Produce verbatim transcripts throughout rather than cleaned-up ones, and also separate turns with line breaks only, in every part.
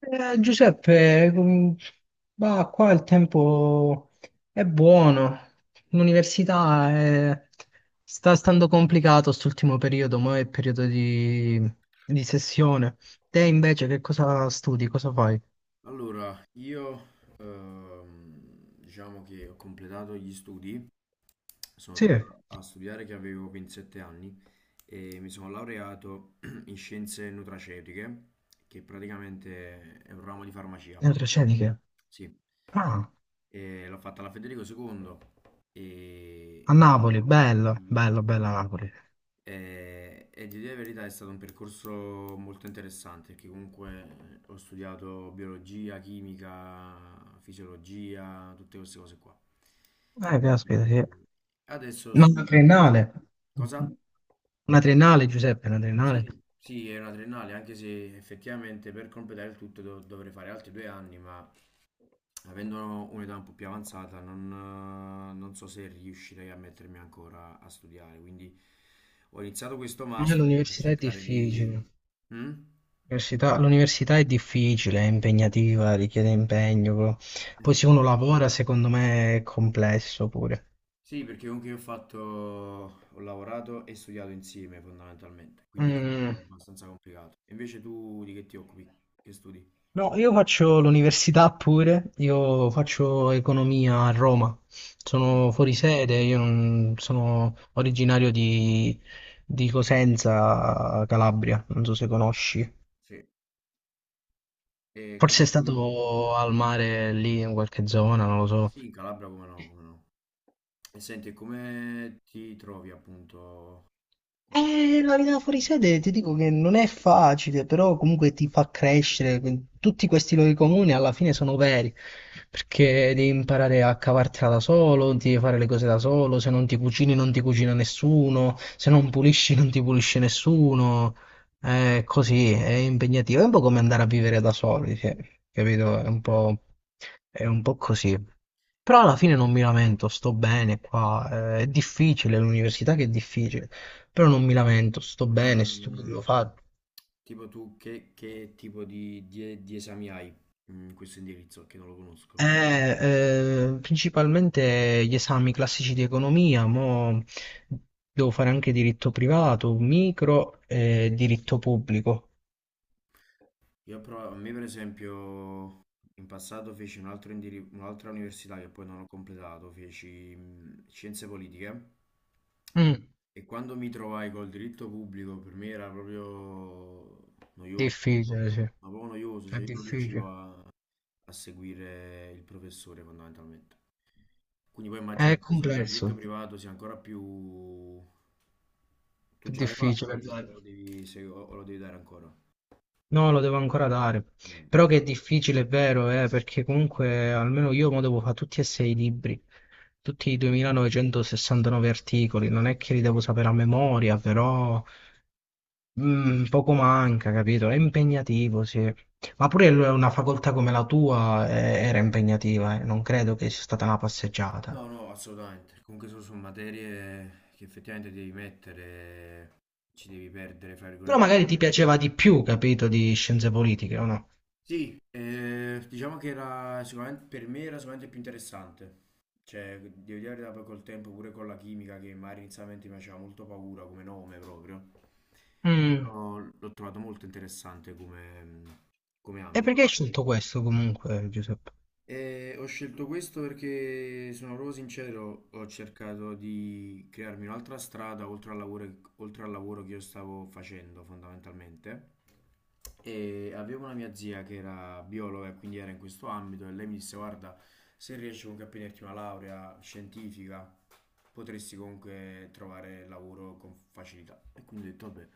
Eh, Giuseppe, com- bah, qua il tempo è buono, l'università è- sta stando complicato st'ultimo periodo, ma è periodo di... di sessione. Te invece che cosa studi, cosa fai?
Allora, io ehm, diciamo che ho completato gli studi, sono
Sì,
tornato a studiare che avevo ventisette anni e mi sono laureato in scienze nutraceutiche, che praticamente è un ramo di farmacia.
neuroscienze.
Sì.
Ah,
E l'ho fatta alla Federico secondo
a
e
Napoli, bello,
sì.
bello, bella Napoli.
E, e di dire la verità è stato un percorso molto interessante perché comunque eh, ho studiato biologia, chimica, fisiologia, tutte queste cose qua.
Eh, caspita, sì.
E adesso
Ma
sto.
una triennale?
Cosa?
Una triennale, Giuseppe, una triennale?
Sì, sì, è una triennale, anche se effettivamente per completare il tutto dov- dovrei fare altri due anni, ma avendo un'età un po' più avanzata, non, non so se riuscirei a mettermi ancora a studiare. Quindi ho iniziato questo
Eh,
master per
l'università è
cercare di.
difficile.
Mm?
L'università l'università è difficile, è impegnativa, richiede impegno. co- Poi
Eh,
se uno lavora, secondo me è complesso pure.
sì, perché comunque io ho fatto, ho lavorato e studiato insieme fondamentalmente, quindi è
Mm,
stato abbastanza complicato. Invece tu di che ti occupi? Che studi?
No, io faccio l'università pure, io faccio economia a Roma.
Mm.
Sono fuori sede, io non- sono originario di, di Cosenza, Calabria, non so se conosci.
Sì, e
Forse è
come ti.
stato al mare lì in qualche zona, non lo so.
Sì, in Calabria come no, come no. E senti, come ti trovi appunto con questo
Eh,
tipo
la vita
di
fuori sede
indirizzo?
ti dico che non è facile, però comunque ti fa crescere. Tutti questi luoghi comuni alla fine sono veri, perché devi imparare a cavartela da solo, devi fare le cose da solo, se non ti cucini non ti cucina nessuno, se non pulisci non ti pulisce nessuno. È così, è impegnativo, è un po' come andare a vivere da soli, sì, capito? È un po', è un po' così. Però alla fine non mi lamento, sto bene qua, eh, è difficile l'università che è difficile. Però non mi lamento, sto
Ma
bene,
mh,
studio, fa...
tipo tu che, che tipo di, di- di esami hai in questo indirizzo che non lo conosco?
Eh, eh, principalmente gli esami classici di economia, mo devo fare anche diritto privato, micro e diritto pubblico.
Io però, a me per esempio in passato feci un altro indiri- un'altra università che poi non ho completato, feci mh, scienze politiche
Mm,
e quando mi trovai col diritto pubblico per me era proprio noioso,
Difficile, sì,
ma proprio noioso,
è
cioè io non riuscivo
difficile.
a a seguire il professore fondamentalmente. Quindi poi immagino
È
che per esempio il diritto
complesso,
privato sia ancora più. Tu
è
già l'hai fatto
difficile.
o
Dai.
lo devi, se- o- o lo devi dare ancora?
No, lo devo ancora dare.
Mm.
Però che è difficile, è vero, eh, perché comunque almeno io mo devo fare tutti e sei i libri, tutti i
Mm.
duemilanovecentosessantanove articoli, non è che li devo sapere a memoria, però mm, poco manca, capito? È impegnativo, sì. Ma pure l- una facoltà come la tua eh, era impegnativa, eh, Non credo che sia stata una passeggiata.
No, no, assolutamente. Comunque sono, sono materie che effettivamente devi mettere, ci devi perdere, fra
Però
virgolette.
magari ti piaceva di più, capito, di scienze politiche, o no?
Sì, eh, diciamo che era sicuramente, per me era sicuramente più interessante. Cioè, devo dire la verità, poi col tempo, pure con la chimica, che magari inizialmente mi faceva molto paura come nome proprio.
Mm.
Però l'ho trovato molto interessante come, come
E
ambito.
perché hai scelto questo comunque, Giuseppe?
E ho scelto questo perché sono proprio sincero, ho cercato di crearmi un'altra strada oltre al lavoro, oltre al lavoro che io stavo facendo fondamentalmente. E avevo una mia zia che era biologa e quindi era in questo ambito e lei mi disse: Guarda, se riesci comunque a prenderti una laurea scientifica, potresti comunque trovare lavoro con facilità. E quindi ho detto: Vabbè,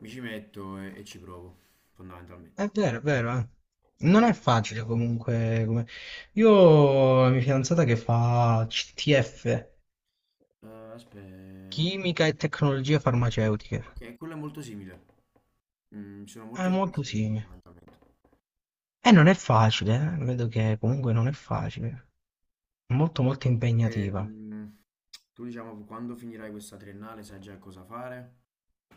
mi ci metto e, e ci provo, fondamentalmente.
È vero, è vero, eh.
Tu
Non è
invece.
facile comunque. come- Io ho la mia fidanzata che fa C T F,
Eh, aspetta.
Chimica e Tecnologie
Ok,
Farmaceutiche.
ok, quello è molto simile. Mm, ci sono
È
molti esami
molto
simili
simile.
fondamentalmente.
E non è facile, eh. Vedo che comunque non è facile. È molto molto impegnativa.
Ehm, Tu diciamo quando finirai questa triennale sai già cosa fare?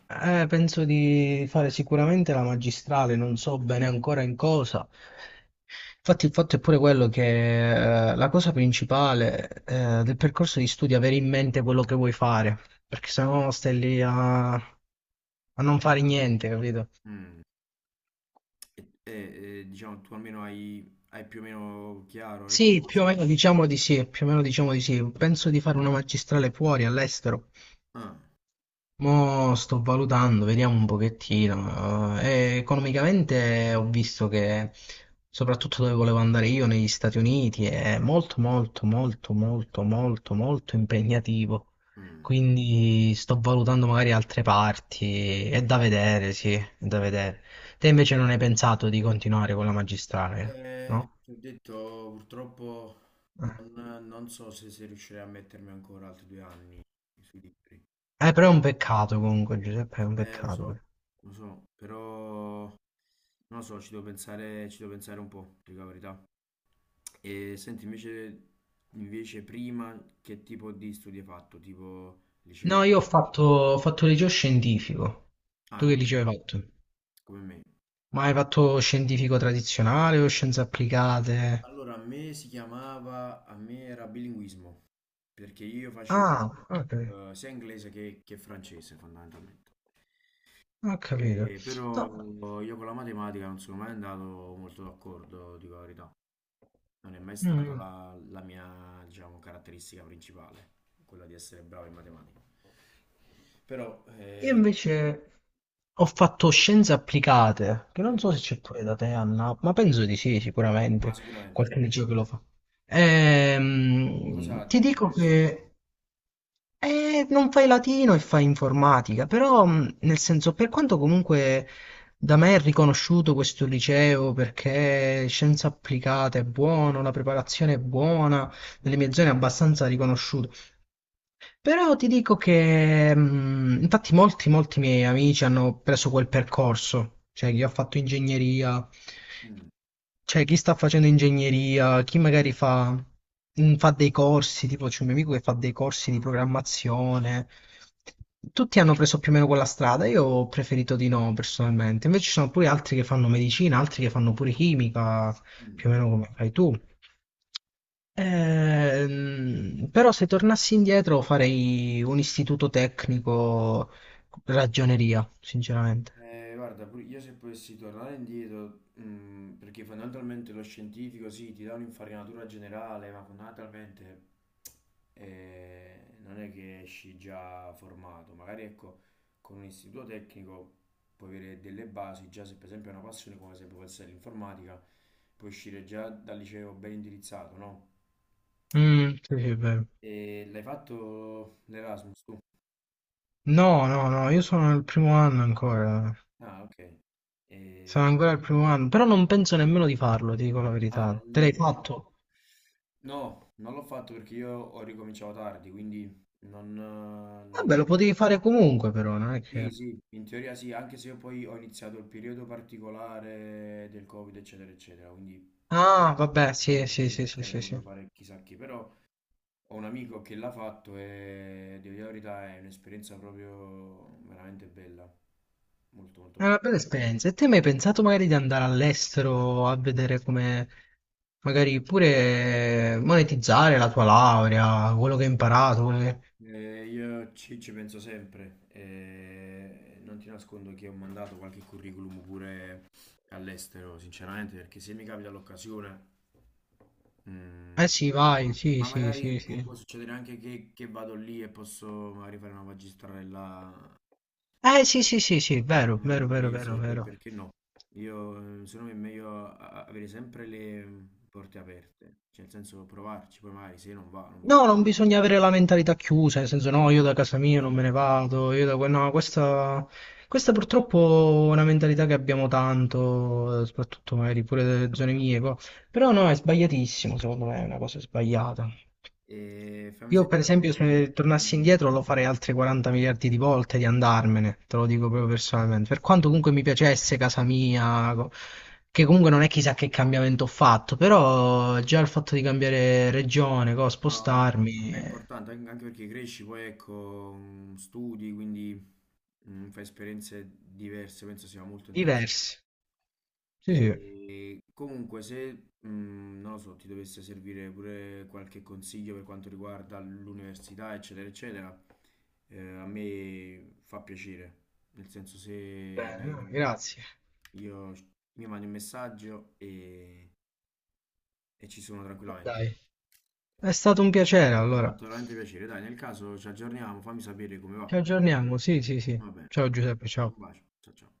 Eh, penso di fare sicuramente la magistrale, non so bene ancora in cosa. Infatti, il fatto è pure quello che eh, la cosa principale eh, del percorso di studio è avere in mente quello che vuoi fare, perché sennò stai lì a, a non fare niente, capito?
Mm, E, e- e, diciamo tu almeno hai, hai più o meno chiaro ecco
Sì, più o
cosa.
meno diciamo di sì, più o meno diciamo di sì. Penso di fare una magistrale fuori, all'estero.
Ah,
Mo sto valutando, vediamo un pochettino. Eh, economicamente ho visto che, soprattutto dove volevo andare io, negli Stati Uniti, è molto, molto, molto, molto, molto, molto impegnativo.
mm.
Quindi sto valutando magari altre parti. È da vedere, sì, è da vedere. Te invece non hai pensato di continuare con la magistrale,
Eh,
no?
ti ho detto purtroppo
Eh,
non, non so se, se riuscirei a mettermi ancora altri due anni sui libri.
Eh,
Se-
però è un peccato comunque, Giuseppe, è un
Eh, lo so,
peccato.
lo so, però. Non lo so, ci devo pensare, ci devo pensare un po', dico la verità. E senti, invece, invece prima che tipo di studi hai fatto? Tipo
No,
liceo?
io ho fatto, ho fatto liceo scientifico.
Ah,
Tu che
come
liceo
me.
hai fatto?
Come me.
Ma hai fatto scientifico tradizionale o scienze applicate?
Allora, a me si chiamava, a me era bilinguismo, perché io facevo
Ah, ok,
eh, sia inglese che, che francese fondamentalmente.
ho capito.
Eh, però
No,
io con la matematica non sono mai andato molto d'accordo, dico la verità. Non è mai stata
mm,
la, la mia, diciamo, caratteristica principale, quella di essere bravo in matematica. Però,
io
eh,
invece ho fatto scienze applicate, che non so
mm,
se c'è pure da te a Napoli, ma penso di sì,
ma
sicuramente,
sicuramente,
qualche liceo che lo
sicuramente.
fa.
Cosa
Ehm,
ha
ti
di
dico
diverso, diciamo?
che eh, non fai latino e fai informatica, però mh, nel senso, per quanto comunque da me è riconosciuto questo liceo perché scienze applicate è buono, la preparazione è buona, nelle mie zone è abbastanza riconosciuto. Però ti dico che, mh, infatti, molti, molti miei amici hanno preso quel percorso, cioè chi ha fatto ingegneria,
Mm,
cioè chi sta facendo ingegneria, chi magari fa, mh, fa dei corsi, tipo c'è un mio amico che fa dei corsi di programmazione. Tutti hanno preso più o meno quella strada, io ho preferito di no personalmente. Invece ci sono pure altri che fanno medicina, altri che fanno pure chimica,
mm.
più o meno come fai tu. Ehm, però se tornassi indietro farei un istituto tecnico ragioneria, sinceramente.
Eh, guarda, pur- io se potessi tornare indietro, mm, perché fondamentalmente lo scientifico sì, ti dà un'infarinatura generale, ma fondamentalmente eh, non è che esci già formato. Magari ecco, con un istituto tecnico puoi avere delle basi, già se per esempio è una passione come se può essere l'informatica, puoi uscire già dal liceo ben indirizzato, no?
Mm, sì, sì, è vero.
E l'hai fatto l'Erasmus tu?
No, no, no, io sono al primo anno ancora.
Ah, ok.
Sono
E-
ancora al primo anno, però non penso nemmeno di farlo, ti dico la
Ah,
verità. Te l'hai
non.
fatto?
No, non l'ho fatto perché io ho ricominciato tardi, quindi non, eh, non
Vabbè,
l'ho
lo
fatto.
potevi fare comunque, però, non è
Sì,
che...
sì, in teoria sì, anche se io poi ho iniziato il periodo particolare del Covid, eccetera, eccetera, quindi
Ah, vabbè,
non è
sì, sì,
che
sì,
che
sì,
avrei
sì, sì.
potuto fare chissà che, però ho un amico che l'ha fatto e devo dire la verità è un'esperienza proprio veramente bella, molto molto
È
bella.
una bella esperienza. E te hai mai pensato magari di andare all'estero a vedere come magari pure eh, monetizzare la tua laurea, quello che hai imparato? quello che-
Eh, io ci, ci penso sempre, eh, non ti nascondo che ho mandato qualche curriculum pure all'estero, sinceramente, perché se mi capita l'occasione,
Eh
mm,
sì, vai, sì,
ma
sì,
magari
sì,
può,
sì.
può succedere anche che, che vado lì e posso magari fare una magistrella,
Eh sì, sì, sì, sì, vero,
magari in
vero, vero, vero,
inglese, per-
vero.
perché no? Io, eh, secondo me è meglio a- a- avere sempre le porte aperte, cioè nel senso provarci, poi magari se non va, non va.
No, non bisogna avere la mentalità chiusa, nel senso no, io da
Esatto,
casa mia non
esatto.
me ne vado, io da... que- No, questa, questa purtroppo è una mentalità che abbiamo tanto, eh, soprattutto magari pure delle zone mie, co- però no, è sbagliatissimo, secondo me è una cosa sbagliata.
E fammi
Io per
sentire, no,
esempio se
dimmi,
tornassi
dimmi.
indietro lo farei altre quaranta miliardi di volte di andarmene, te lo dico proprio personalmente, per quanto comunque mi piacesse casa mia, co- che comunque non è chissà che cambiamento ho fatto, però già il fatto di cambiare regione, co,
No,
spostarmi,
ma è
eh,
importante anche anche perché cresci, poi ecco, mm, studi, quindi mm, fai esperienze diverse, penso sia molto interessante.
diversi. Sì, sì.
E comunque se, mm, non lo so, ti dovesse servire pure qualche consiglio per quanto riguarda l'università, eccetera, eccetera, eh, a me fa piacere, nel senso se
Bene, no,
hai-
grazie.
io mi mandi un messaggio e e ci sono tranquillamente.
Dai, è stato un piacere
Mi ha
allora.
fatto veramente piacere. Dai, nel caso ci aggiorniamo, fammi sapere come
Ci
va.
aggiorniamo, sì, sì, sì.
Va bene.
Ciao Giuseppe, ciao.
Un bacio. Ciao ciao.